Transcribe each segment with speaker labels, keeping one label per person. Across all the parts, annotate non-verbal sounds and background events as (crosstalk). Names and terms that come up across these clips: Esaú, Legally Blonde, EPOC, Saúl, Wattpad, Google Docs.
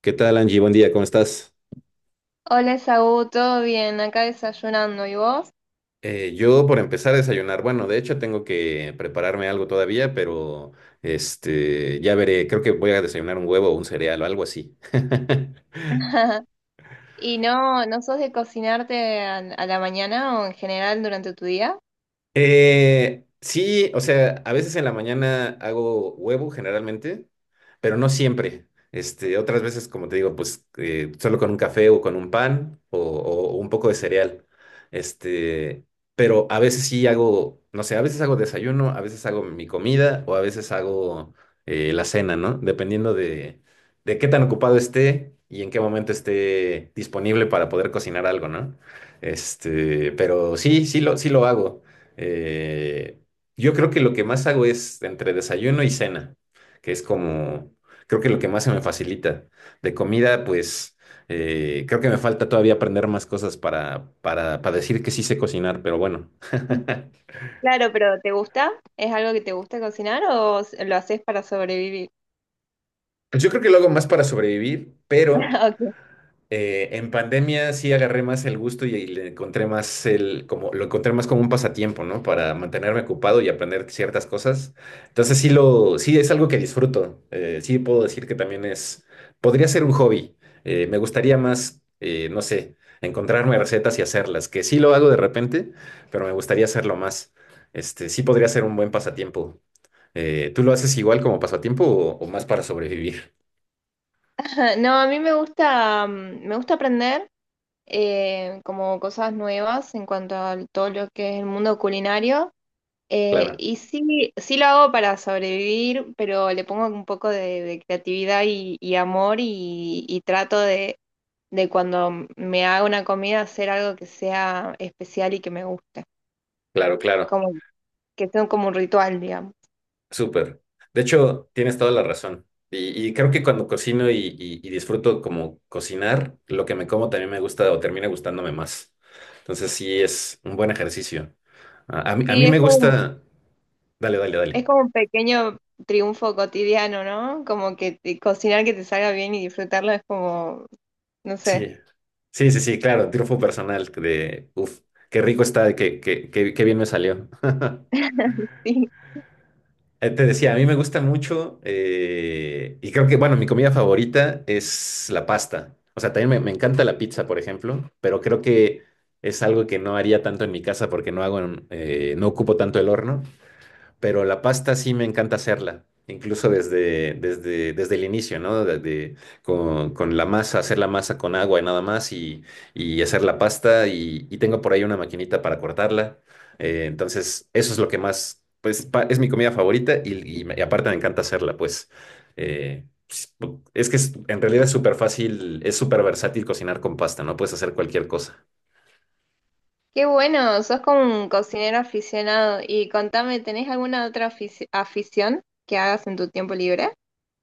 Speaker 1: ¿Qué tal, Angie? Buen día, ¿cómo estás?
Speaker 2: Hola, Saúl, ¿todo bien? Acá desayunando, ¿y vos?
Speaker 1: Yo por empezar a desayunar, bueno, de hecho tengo que prepararme algo todavía, pero ya veré, creo que voy a desayunar un huevo o un cereal o algo así. (laughs)
Speaker 2: (laughs) ¿Y ¿no, no sos de cocinarte a la mañana o en general durante tu día?
Speaker 1: Sí, o sea, a veces en la mañana hago huevo generalmente, pero no siempre. Otras veces, como te digo, pues solo con un café o con un pan o un poco de cereal. Este, pero a veces sí hago, no sé, a veces hago desayuno, a veces hago mi comida o a veces hago la cena, ¿no? De qué tan ocupado esté y en qué momento esté disponible para poder cocinar algo, ¿no? Pero sí, sí lo hago. Eh, yo creo que lo que más hago es entre desayuno y cena, que es como, creo que lo que más se me facilita. De comida, pues creo que me falta todavía aprender más cosas para decir que sí sé cocinar, pero bueno.
Speaker 2: Claro, pero ¿te gusta? ¿Es algo que te gusta cocinar o lo haces para sobrevivir?
Speaker 1: Pues yo creo que lo hago más para sobrevivir, pero…
Speaker 2: (laughs) Ok.
Speaker 1: En pandemia sí agarré más el gusto y le encontré más el, como, lo encontré más como un pasatiempo, ¿no? Para mantenerme ocupado y aprender ciertas cosas. Entonces sí es algo que disfruto. Sí puedo decir que también es, podría ser un hobby. Me gustaría más, no sé, encontrarme recetas y hacerlas, que sí lo hago de repente, pero me gustaría hacerlo más. Sí podría ser un buen pasatiempo. ¿Tú lo haces igual como pasatiempo o más para sobrevivir?
Speaker 2: (laughs) No, a mí me gusta, mm, me gusta aprender como cosas nuevas en cuanto a todo lo que es el mundo culinario.
Speaker 1: Claro,
Speaker 2: Y sí, sí lo hago para sobrevivir, pero le pongo un poco de creatividad y amor y trato de cuando me hago una comida hacer algo que sea especial y que me guste,
Speaker 1: claro, claro.
Speaker 2: como que sea como un ritual, digamos.
Speaker 1: Súper. De hecho, tienes toda la razón. Y creo que cuando cocino y disfruto como cocinar, lo que me como también me gusta o termina gustándome más. Entonces sí es un buen ejercicio. A
Speaker 2: Sí,
Speaker 1: mí me gusta... Dale, dale,
Speaker 2: es
Speaker 1: dale.
Speaker 2: como un pequeño triunfo cotidiano, ¿no? Como que cocinar que te salga bien y disfrutarlo es como, no sé,
Speaker 1: Sí. Sí, sí, sí, claro, triunfo personal de... Uf, qué rico está, qué bien me salió. (laughs)
Speaker 2: (laughs) sí.
Speaker 1: Te decía, a mí me gusta mucho y creo que, bueno, mi comida favorita es la pasta. O sea, también me encanta la pizza, por ejemplo, pero creo que es algo que no haría tanto en mi casa porque no hago, no ocupo tanto el horno, pero la pasta sí me encanta hacerla, incluso desde el inicio, ¿no? Con la masa, hacer la masa con agua y nada más y hacer la pasta y tengo por ahí una maquinita para cortarla. Entonces, eso es lo que más, pues, es mi comida favorita y, y aparte me encanta hacerla, pues. eh, pues, Es que en realidad es súper fácil, es súper versátil cocinar con pasta, ¿no? Puedes hacer cualquier cosa.
Speaker 2: Qué bueno, sos como un cocinero aficionado. Y contame, ¿tenés alguna otra afición que hagas en tu tiempo libre?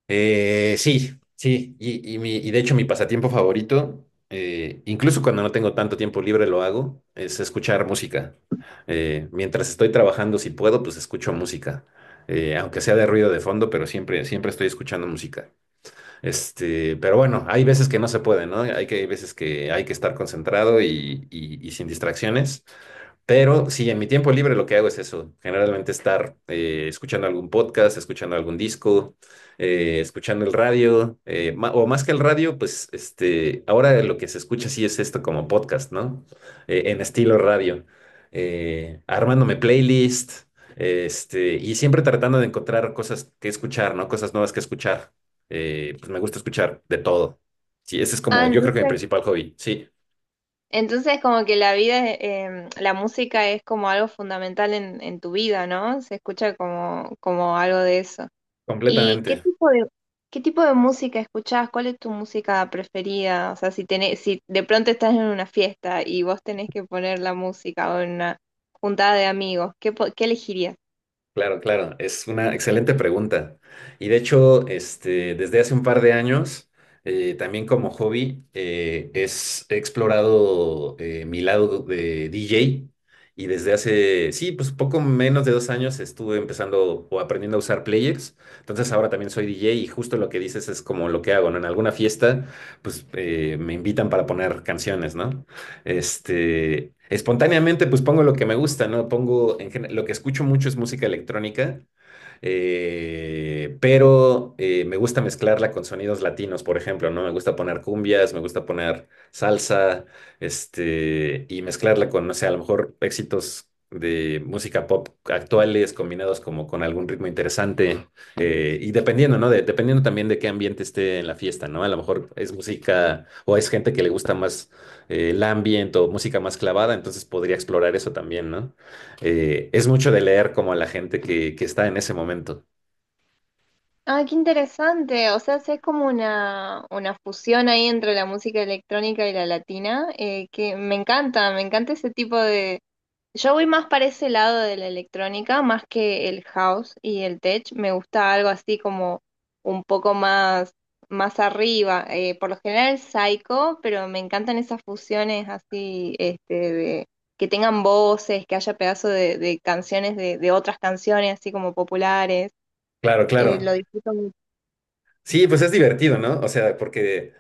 Speaker 1: Sí, sí, y mi, y de hecho mi pasatiempo favorito, incluso cuando no tengo tanto tiempo libre lo hago, es escuchar música. Mientras estoy trabajando, si puedo, pues escucho música. Aunque sea de ruido de fondo, pero siempre estoy escuchando música. Pero bueno, hay veces que no se puede, ¿no? Hay veces que hay que estar concentrado y sin distracciones. Pero sí, en mi tiempo libre lo que hago es eso, generalmente estar escuchando algún podcast, escuchando algún disco, escuchando el radio, o más que el radio, pues ahora lo que se escucha sí es esto como podcast, ¿no? En estilo radio, armándome playlist, y siempre tratando de encontrar cosas que escuchar, ¿no? Cosas nuevas que escuchar. Pues me gusta escuchar de todo. Sí, ese es
Speaker 2: Ah,
Speaker 1: como, yo creo que mi principal hobby, sí,
Speaker 2: entonces como que la música es como algo fundamental en tu vida, ¿no? Se escucha como, como algo de eso. ¿Y
Speaker 1: completamente.
Speaker 2: qué tipo de música escuchás? ¿Cuál es tu música preferida? O sea, si tenés, si de pronto estás en una fiesta y vos tenés que poner la música o en una juntada de amigos, ¿qué, qué elegirías?
Speaker 1: Claro, claro, es una excelente pregunta. Y de hecho, desde hace un par de años, también como hobby, he explorado mi lado de DJ, y desde hace, sí, pues poco menos de dos años estuve empezando o aprendiendo a usar players. Entonces ahora también soy DJ, y justo lo que dices es como lo que hago, ¿no? En alguna fiesta, pues me invitan para poner canciones, ¿no? Espontáneamente, pues pongo lo que me gusta, ¿no? Pongo, lo que escucho mucho es música electrónica, me gusta mezclarla con sonidos latinos, por ejemplo, ¿no? Me gusta poner cumbias, me gusta poner salsa, y mezclarla con, no sé, a lo mejor éxitos de música pop actuales combinados como con algún ritmo interesante, y dependiendo, ¿no? Dependiendo también de qué ambiente esté en la fiesta, ¿no? A lo mejor es música o es gente que le gusta más el ambiente o música más clavada, entonces podría explorar eso también, ¿no? Es mucho de leer como a la gente que está en ese momento.
Speaker 2: Ah, qué interesante. O sea, es como una fusión ahí entre la música electrónica y la latina, que me encanta ese tipo de... Yo voy más para ese lado de la electrónica, más que el house y el tech. Me gusta algo así como un poco más, más arriba. Por lo general el psycho, pero me encantan esas fusiones así, este, de que tengan voces, que haya pedazos de canciones de otras canciones así como populares.
Speaker 1: Claro, claro.
Speaker 2: Lo disfruto.
Speaker 1: Sí, pues es divertido, ¿no? O sea, porque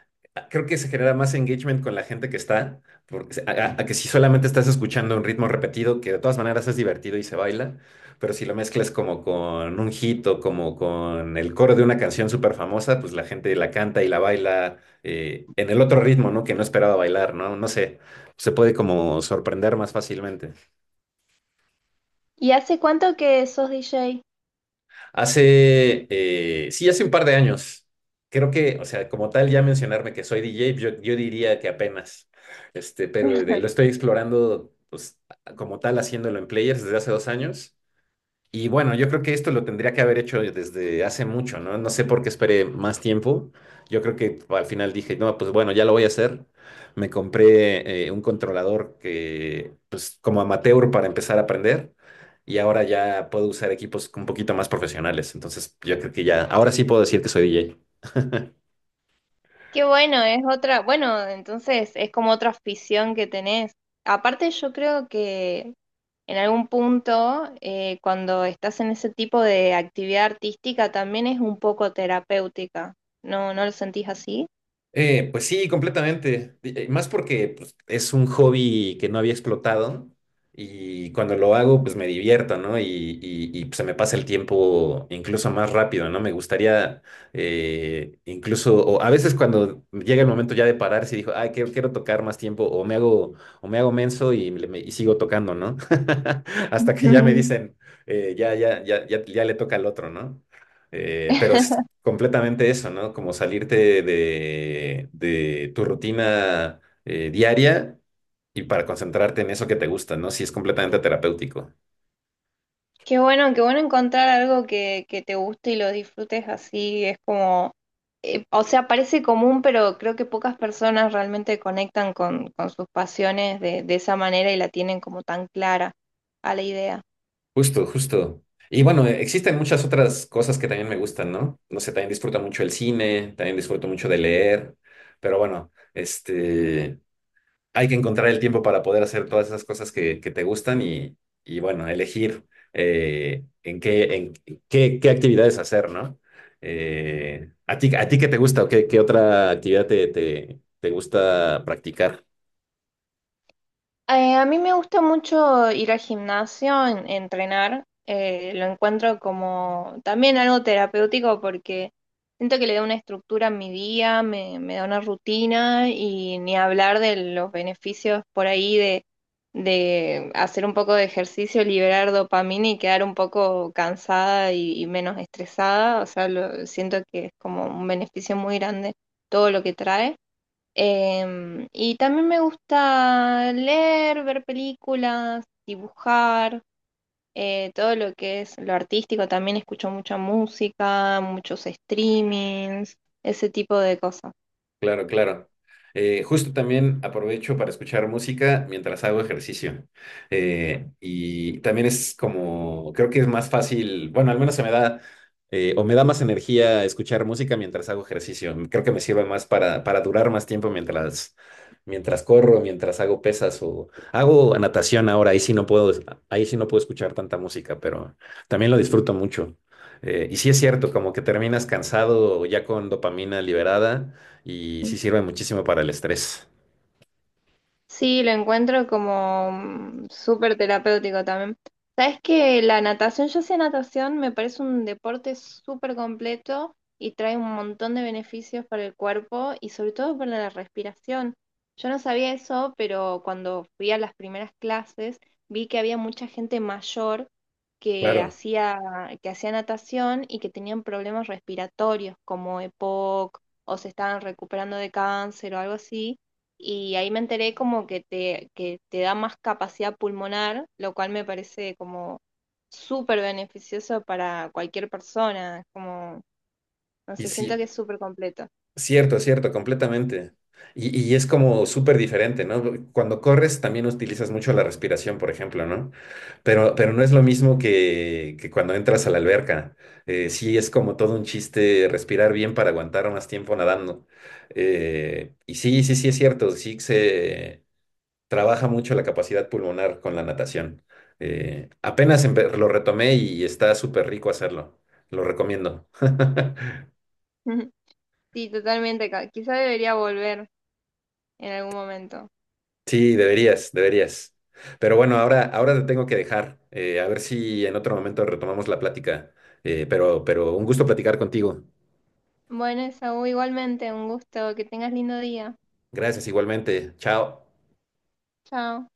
Speaker 1: creo que se genera más engagement con la gente que está, porque, a que si solamente estás escuchando un ritmo repetido, que de todas maneras es divertido y se baila, pero si lo mezclas como con un hit o como con el coro de una canción súper famosa, pues la gente la canta y la baila en el otro ritmo, ¿no? Que no esperaba bailar, ¿no? No sé, se puede como sorprender más fácilmente.
Speaker 2: ¿Y hace cuánto que sos DJ?
Speaker 1: Hace, sí, hace un par de años. Creo que, o sea, como tal, ya mencionarme que soy DJ, yo diría que apenas, lo estoy explorando, pues, como tal, haciéndolo en Players desde hace dos años. Y bueno, yo creo que esto lo tendría que haber hecho desde hace mucho, ¿no? No sé por qué esperé más tiempo. Yo creo que al final dije, no, pues bueno, ya lo voy a hacer. Me compré un controlador que, pues como amateur para empezar a aprender. Y ahora ya puedo usar equipos un poquito más profesionales. Entonces, yo creo que ya, ahora sí puedo decir que soy DJ.
Speaker 2: Qué bueno, es otra, bueno, entonces es como otra afición que tenés. Aparte, yo creo que en algún punto, cuando estás en ese tipo de actividad artística, también es un poco terapéutica. ¿No, no lo sentís así?
Speaker 1: Pues sí, completamente. Más porque pues, es un hobby que no había explotado, y cuando lo hago, pues me divierto, ¿no? Pues, se me pasa el tiempo incluso más rápido, ¿no? Me gustaría incluso, o a veces cuando llega el momento ya de parar, si digo, ay, quiero, quiero tocar más tiempo, o me hago menso y, y sigo tocando, ¿no? (laughs) Hasta que ya me
Speaker 2: (laughs)
Speaker 1: dicen, ya, ya, ya, ya, ya le toca al otro, ¿no? Pero es completamente eso, ¿no? Como salirte de tu rutina diaria, y para concentrarte en eso que te gusta, ¿no? Sí, es completamente terapéutico.
Speaker 2: Qué bueno encontrar algo que te guste y lo disfrutes así. Es como, o sea, parece común, pero creo que pocas personas realmente conectan con sus pasiones de esa manera y la tienen como tan clara a la idea.
Speaker 1: Justo, justo. Y bueno, existen muchas otras cosas que también me gustan, ¿no? No sé, también disfruto mucho el cine, también disfruto mucho de leer, pero bueno, este... hay que encontrar el tiempo para poder hacer todas esas cosas que te gustan y, bueno, elegir en qué, qué actividades hacer, ¿no? ¿A ti, a ti qué te gusta o qué, qué otra actividad te gusta practicar?
Speaker 2: A mí me gusta mucho ir al gimnasio, entrenar. Eh, lo encuentro como también algo terapéutico porque siento que le da una estructura a mi día, me da una rutina y ni hablar de los beneficios por ahí de hacer un poco de ejercicio, liberar dopamina y quedar un poco cansada y menos estresada. O sea, siento que es como un beneficio muy grande todo lo que trae. Em, y también me gusta leer, ver películas, dibujar, todo lo que es lo artístico. También escucho mucha música, muchos streamings, ese tipo de cosas.
Speaker 1: Claro, claro. Justo también aprovecho para escuchar música mientras hago ejercicio. Y también es como, creo que es más fácil, bueno, al menos se me da, o me da más energía escuchar música mientras hago ejercicio. Creo que me sirve más para durar más tiempo mientras, mientras corro, mientras hago pesas o hago natación ahora. Ahí sí no puedo, ahí sí no puedo escuchar tanta música, pero también lo disfruto mucho. Y sí es cierto, como que terminas cansado ya con dopamina liberada, y sí sirve muchísimo para el estrés.
Speaker 2: Sí, lo encuentro como mm, súper terapéutico también. Sabes que la natación, yo hacía natación, me parece un deporte súper completo y trae un montón de beneficios para el cuerpo y sobre todo para la respiración. Yo no sabía eso, pero cuando fui a las primeras clases vi que había mucha gente mayor que
Speaker 1: Claro,
Speaker 2: hacía, que hacía natación y que tenían problemas respiratorios como EPOC o se estaban recuperando de cáncer o algo así y ahí me enteré como que que te da más capacidad pulmonar, lo cual me parece como súper beneficioso para cualquier persona, como, no
Speaker 1: y
Speaker 2: sé, siento que
Speaker 1: sí,
Speaker 2: es súper completo.
Speaker 1: cierto, completamente. Y es como súper diferente, ¿no? Cuando corres también utilizas mucho la respiración, por ejemplo, ¿no? Pero no es lo mismo que cuando entras a la alberca. Sí, es como todo un chiste respirar bien para aguantar más tiempo nadando. Y sí, sí, sí, es cierto, sí que se... trabaja mucho la capacidad pulmonar con la natación. Apenas lo retomé y está súper rico hacerlo. Lo recomiendo. (laughs)
Speaker 2: (laughs) Sí, totalmente, quizá debería volver en algún momento.
Speaker 1: Sí, deberías, deberías. Pero bueno, ahora, ahora te tengo que dejar. A ver si en otro momento retomamos la plática. Pero un gusto platicar contigo.
Speaker 2: Bueno, Esaú, igualmente, un gusto, que tengas lindo día.
Speaker 1: Gracias igualmente. Chao.
Speaker 2: Chao.